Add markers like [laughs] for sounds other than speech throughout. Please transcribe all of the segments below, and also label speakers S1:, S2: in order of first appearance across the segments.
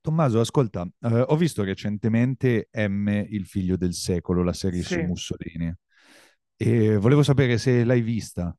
S1: Tommaso, ascolta, ho visto recentemente M, Il figlio del secolo, la serie su
S2: Sì.
S1: Mussolini, e volevo sapere se l'hai vista.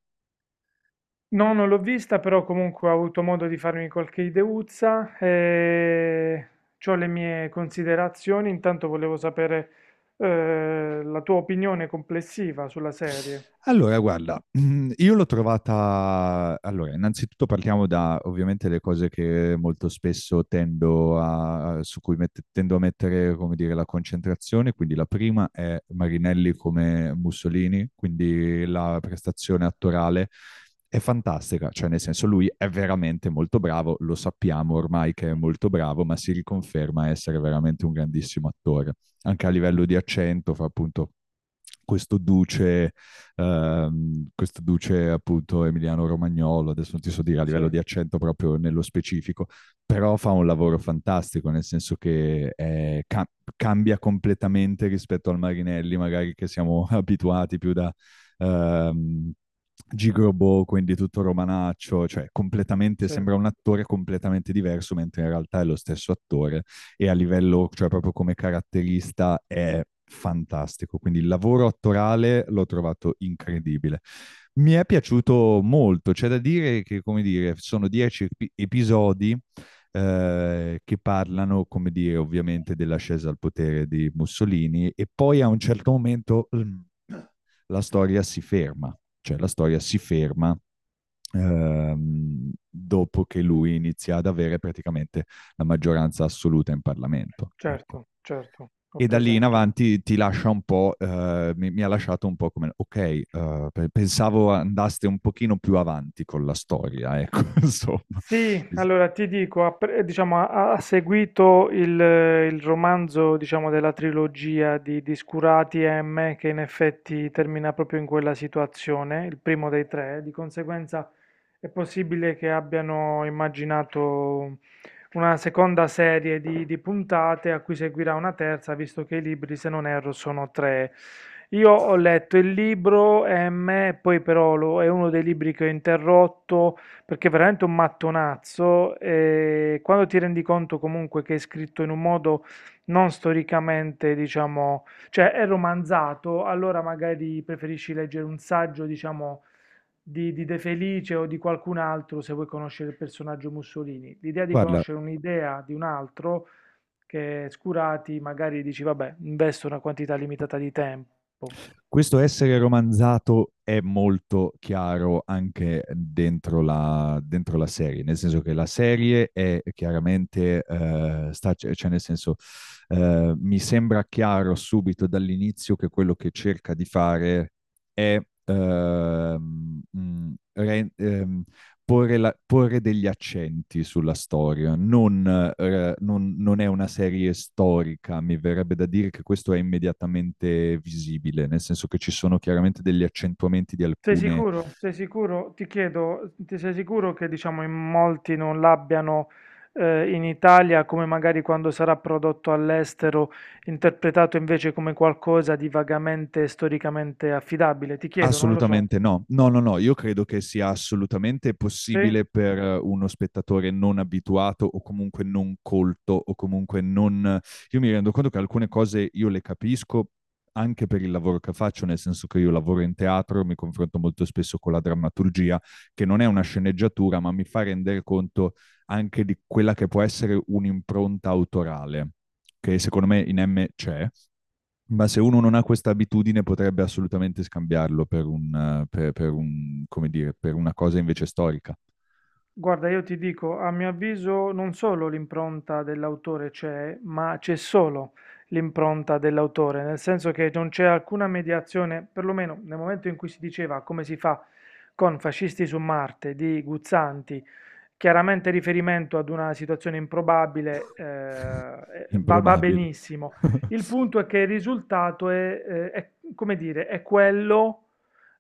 S2: No, non l'ho vista, però comunque ho avuto modo di farmi qualche ideuzza e c'ho le mie considerazioni. Intanto volevo sapere la tua opinione complessiva sulla serie.
S1: Allora, guarda, io l'ho trovata. Allora, innanzitutto parliamo da, ovviamente, le cose che molto spesso tendo a, su cui tendo a mettere, come dire, la concentrazione. Quindi la prima è Marinelli come Mussolini, quindi la prestazione attorale è fantastica, cioè nel senso lui è veramente molto bravo, lo sappiamo ormai che è molto bravo, ma si riconferma essere veramente un grandissimo attore, anche a livello di accento, fa appunto questo duce questo duce appunto Emiliano Romagnolo, adesso non ti so dire a
S2: Sì,
S1: livello di accento proprio nello specifico, però fa un lavoro fantastico, nel senso che cambia completamente rispetto al Marinelli, magari che siamo [laughs] abituati più da... ehm, Gigrobo, quindi tutto romanaccio, cioè completamente
S2: sì,
S1: sembra un attore completamente diverso, mentre in realtà è lo stesso attore e a livello, cioè proprio come caratterista è fantastico. Quindi il lavoro attorale l'ho trovato incredibile. Mi è piaciuto molto, c'è da dire che, come dire, sono 10 episodi che parlano, come dire, ovviamente dell'ascesa al potere di Mussolini e poi a un certo momento, la storia si ferma, cioè la storia si ferma dopo che lui inizia ad avere praticamente la maggioranza assoluta in Parlamento. Ecco.
S2: certo, certo, ho
S1: E da lì in
S2: presente.
S1: avanti ti lascia un po', mi ha lasciato un po' come, ok, pensavo andaste un pochino più avanti con la storia, ecco, [laughs] insomma.
S2: Sì, allora ti dico, diciamo, ha seguito il romanzo, diciamo, della trilogia di Scurati e M, che in effetti termina proprio in quella situazione, il primo dei tre, di conseguenza è possibile che abbiano immaginato una seconda serie di puntate a cui seguirà una terza, visto che i libri, se non erro, sono tre. Io ho letto il libro M, poi però è uno dei libri che ho interrotto perché è veramente un mattonazzo e quando ti rendi conto comunque che è scritto in un modo non storicamente, diciamo, cioè è romanzato, allora magari preferisci leggere un saggio, diciamo, di De Felice o di qualcun altro se vuoi conoscere il personaggio Mussolini. L'idea di
S1: Guarda,
S2: conoscere un'idea di un altro che Scurati magari dici, vabbè, investo una quantità limitata di tempo.
S1: questo essere romanzato è molto chiaro anche dentro la serie, nel senso che la serie è chiaramente, cioè, nel senso, mi sembra chiaro subito dall'inizio che quello che cerca di fare è porre degli accenti sulla storia. Non è una serie storica, mi verrebbe da dire che questo è immediatamente visibile, nel senso che ci sono chiaramente degli accentuamenti di
S2: Sei
S1: alcune.
S2: sicuro? Sei sicuro? Ti chiedo, ti sei sicuro che diciamo in molti non l'abbiano in Italia come magari quando sarà prodotto all'estero, interpretato invece come qualcosa di vagamente storicamente affidabile? Ti chiedo, non lo so.
S1: Assolutamente no. No, no, no, io credo che sia assolutamente
S2: Sì?
S1: possibile per uno spettatore non abituato o comunque non colto o comunque non. Io mi rendo conto che alcune cose io le capisco anche per il lavoro che faccio, nel senso che io lavoro in teatro, mi confronto molto spesso con la drammaturgia, che non è una sceneggiatura, ma mi fa rendere conto anche di quella che può essere un'impronta autorale, che secondo me in M c'è, ma se uno non ha questa abitudine potrebbe assolutamente scambiarlo per un- come dire, per una cosa invece storica.
S2: Guarda, io ti dico, a mio avviso non solo l'impronta dell'autore c'è, ma c'è solo l'impronta dell'autore, nel senso che non c'è alcuna mediazione, perlomeno nel momento in cui si diceva come si fa con Fascisti su Marte di Guzzanti, chiaramente riferimento ad una situazione improbabile,
S1: [laughs]
S2: va
S1: Improbabile.
S2: benissimo.
S1: [laughs]
S2: Il punto è che il risultato è, come dire, è quello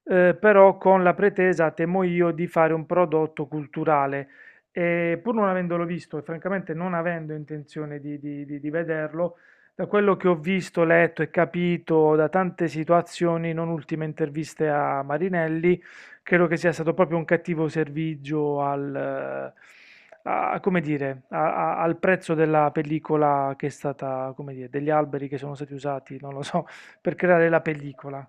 S2: eh, però con la pretesa, temo io, di fare un prodotto culturale. E pur non avendolo visto e francamente non avendo intenzione di vederlo, da quello che ho visto, letto e capito da tante situazioni, non ultime interviste a Marinelli, credo che sia stato proprio un cattivo servizio al, come dire, al prezzo della pellicola che è stata, come dire, degli alberi che sono stati usati, non lo so, [laughs] per creare la pellicola.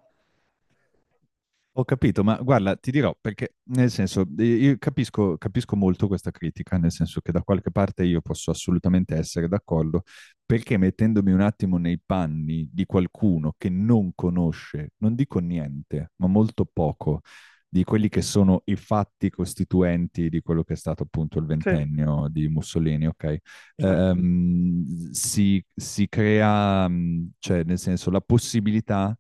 S1: Ho capito, ma guarda, ti dirò perché, nel senso, io capisco molto questa critica, nel senso che da qualche parte io posso assolutamente essere d'accordo, perché mettendomi un attimo nei panni di qualcuno che non conosce, non dico niente, ma molto poco, di quelli che sono i fatti costituenti di quello che è stato appunto il
S2: Sì,
S1: ventennio di Mussolini, ok?
S2: certo.
S1: Si crea, cioè, nel senso, la possibilità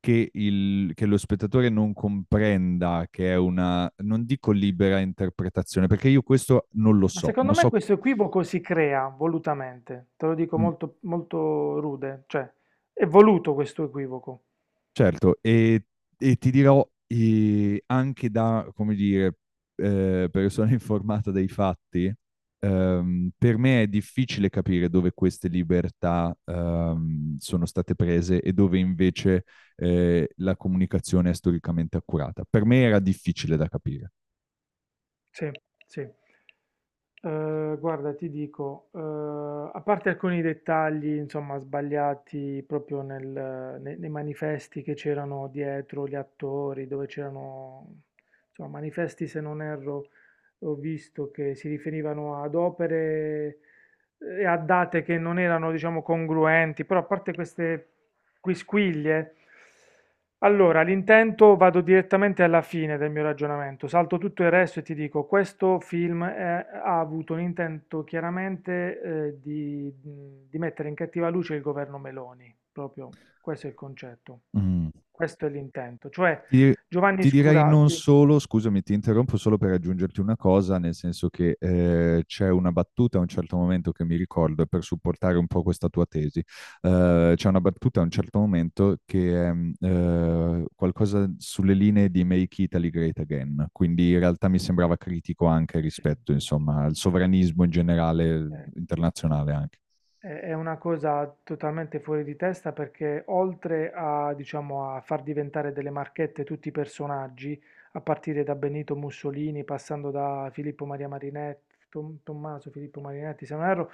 S1: che, che lo spettatore non comprenda che è una, non dico libera interpretazione, perché io questo non lo
S2: Ma
S1: so,
S2: secondo
S1: non
S2: me
S1: so.
S2: questo equivoco si crea volutamente, te lo dico
S1: Mm.
S2: molto, molto rude, cioè è voluto questo equivoco.
S1: Certo, e ti dirò anche da, come dire, persona [laughs] informata dei fatti, per me è difficile capire dove queste libertà sono state prese e dove invece la comunicazione è storicamente accurata. Per me era difficile da capire.
S2: Sì, sì. Guarda, ti dico, a parte alcuni dettagli, insomma, sbagliati proprio nel ne nei manifesti che c'erano dietro gli attori, dove c'erano, insomma, manifesti, se non erro, ho visto che si riferivano ad opere e a date che non erano, diciamo, congruenti, però a parte queste quisquilie? Allora, l'intento, vado direttamente alla fine del mio ragionamento, salto tutto il resto e ti dico, questo film ha avuto un intento chiaramente eh, di, di mettere in cattiva luce il governo Meloni, proprio questo è il concetto,
S1: Mm.
S2: questo è l'intento, cioè
S1: Ti,
S2: Giovanni
S1: ti direi
S2: Scura...
S1: non solo, scusami, ti interrompo solo per aggiungerti una cosa, nel senso che c'è una battuta a un certo momento che mi ricordo e per supportare un po' questa tua tesi. C'è una battuta a un certo momento che è qualcosa sulle linee di Make Italy Great Again, quindi in realtà mi sembrava critico anche
S2: Sì,
S1: rispetto,
S2: sì, sì.
S1: insomma, al sovranismo in generale,
S2: Eh,
S1: internazionale anche,
S2: è una cosa totalmente fuori di testa perché, oltre a, diciamo, a far diventare delle marchette tutti i personaggi, a partire da Benito Mussolini, passando da Filippo Maria Marinetti, Tommaso Filippo Marinetti, se non erro,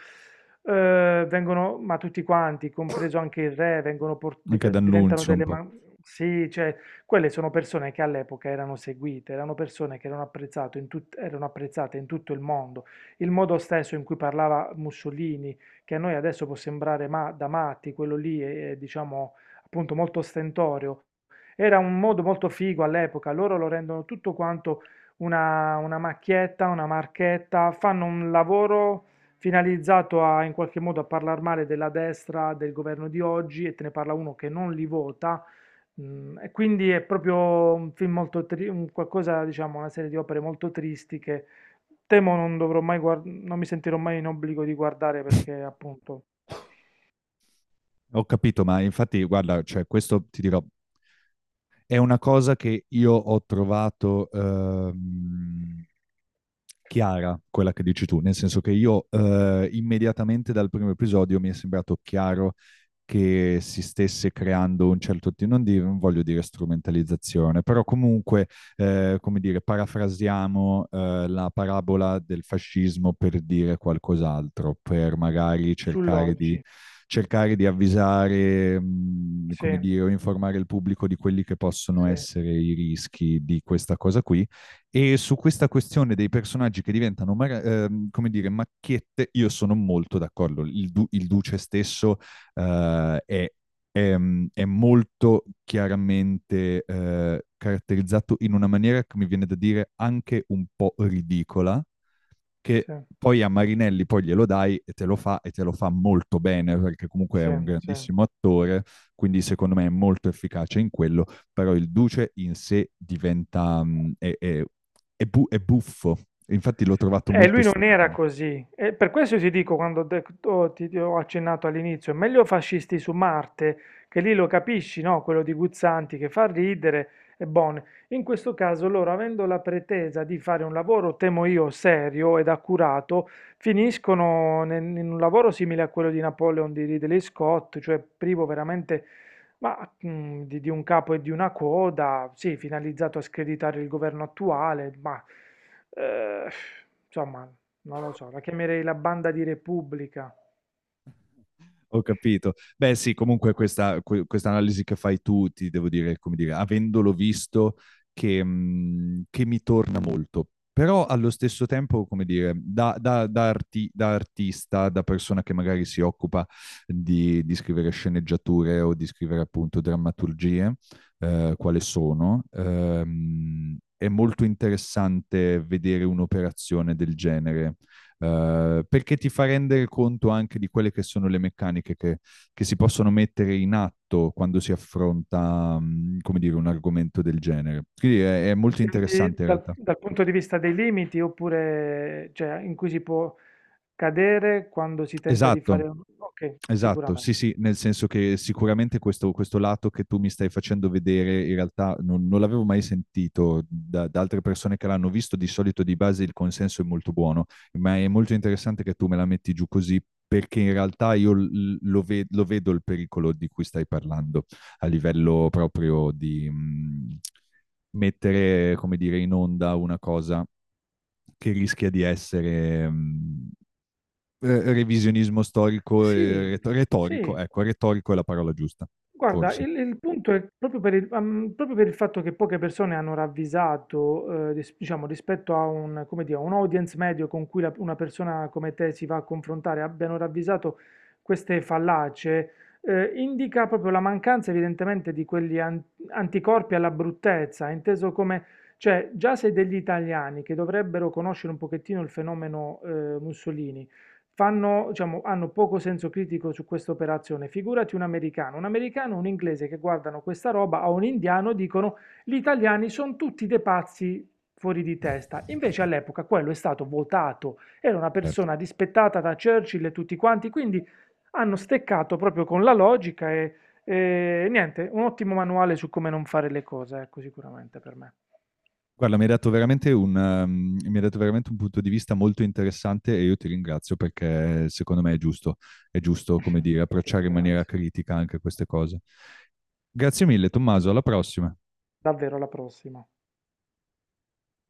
S2: vengono, ma tutti quanti, compreso anche il re,
S1: anche
S2: diventano
S1: D'Annunzio un
S2: delle...
S1: po'.
S2: Sì, cioè, quelle sono persone che all'epoca erano seguite, erano persone che erano apprezzato in tut- erano apprezzate in tutto il mondo. Il modo stesso in cui parlava Mussolini, che a noi adesso può sembrare da matti, quello lì è, diciamo, appunto, molto ostentorio. Era un modo molto figo all'epoca, loro lo rendono tutto quanto una macchietta, una marchetta, fanno un lavoro finalizzato a, in qualche modo, a parlare male della destra, del governo di oggi, e te ne parla uno che non li vota. E quindi è proprio un film molto un qualcosa, diciamo, una serie di opere molto tristi che temo non dovrò mai non mi sentirò mai in obbligo di guardare, perché appunto
S1: Ho capito, ma infatti, guarda, cioè, questo ti dirò, è una cosa che io ho trovato chiara, quella che dici tu, nel senso che io immediatamente dal primo episodio mi è sembrato chiaro che si stesse creando un certo tipo, non, non voglio dire strumentalizzazione, però comunque, come dire, parafrasiamo la parabola del fascismo per dire qualcos'altro, per magari
S2: sull'oggi.
S1: cercare di avvisare,
S2: Sì,
S1: come dire, o informare il pubblico di quelli che possono
S2: sì,
S1: essere i rischi di questa cosa qui. E su questa questione dei personaggi che diventano, come dire, macchiette, io sono molto d'accordo. Il duce stesso eh, è, è, è molto chiaramente caratterizzato in una maniera che mi viene da dire anche un po' ridicola, che
S2: sì,
S1: poi a Marinelli poi glielo dai e te lo fa e te lo fa molto bene perché comunque è
S2: sì,
S1: un
S2: sì.
S1: grandissimo attore, quindi secondo me è molto efficace in quello, però il Duce in sé diventa... è bu- è buffo, infatti l'ho trovato
S2: E
S1: molto
S2: lui non era
S1: strano.
S2: così. E per questo ti dico, quando ti ho accennato all'inizio, è meglio Fascisti su Marte, che lì lo capisci, no? Quello di Guzzanti che fa ridere, e buono. In questo caso loro, avendo la pretesa di fare un lavoro, temo io, serio ed accurato, finiscono in un lavoro simile a quello di Napoleon di Ridley Scott, cioè privo veramente ma, di un capo e di una coda, sì, finalizzato a screditare il governo attuale, ma... Ehm, insomma, non lo so, la chiamerei la banda di Repubblica.
S1: Ho capito. Beh, sì, comunque questa questa analisi che fai tu, ti devo dire, come dire, avendolo visto, che mi torna molto. Però allo stesso tempo, come dire, da artista, da persona che magari si occupa di scrivere sceneggiature o di scrivere appunto drammaturgie, quale sono, è molto interessante vedere un'operazione del genere perché ti fa rendere conto anche di quelle che sono le meccaniche che, si possono mettere in atto quando si affronta, come dire, un argomento del genere. Quindi è molto
S2: Intendi
S1: interessante in
S2: dal,
S1: realtà.
S2: dal punto di vista dei limiti, oppure, cioè, in cui si può cadere quando si tenta di fare
S1: Esatto,
S2: un... Ok,
S1: Esatto,
S2: sicuramente.
S1: sì, sì, nel senso che sicuramente questo lato che tu mi stai facendo vedere in realtà non l'avevo mai sentito da altre persone che l'hanno visto, di solito di base il consenso è molto buono, ma è molto interessante che tu me la metti giù così perché in realtà io lo vedo il pericolo di cui stai parlando a livello proprio di mettere, come dire, in onda una cosa che rischia di essere revisionismo storico e
S2: Sì,
S1: retorico,
S2: sì,
S1: ecco, retorico è la parola giusta,
S2: guarda,
S1: forse.
S2: il punto è proprio per proprio per il fatto che poche persone hanno ravvisato, diciamo, rispetto a come dire, un audience medio con cui una persona come te si va a confrontare, abbiano ravvisato queste fallacie, indica proprio la mancanza evidentemente di quegli anticorpi alla bruttezza, inteso come, cioè, già se degli italiani che dovrebbero conoscere un pochettino il fenomeno, Mussolini, fanno, diciamo, hanno poco senso critico su questa operazione. Figurati un americano, un inglese che guardano questa roba, o un indiano dicono gli italiani sono tutti dei pazzi fuori di testa. Invece all'epoca quello è stato votato, era una
S1: Certo.
S2: persona rispettata da Churchill e tutti quanti, quindi hanno steccato proprio con la logica e niente, un ottimo manuale su come non fare le cose, ecco, sicuramente per me.
S1: Guarda, mi hai dato veramente un punto di vista molto interessante e io ti ringrazio perché secondo me è giusto, come dire,
S2: Ti
S1: approcciare in maniera
S2: ringrazio.
S1: critica anche queste cose. Grazie mille, Tommaso, alla prossima.
S2: Davvero, alla prossima.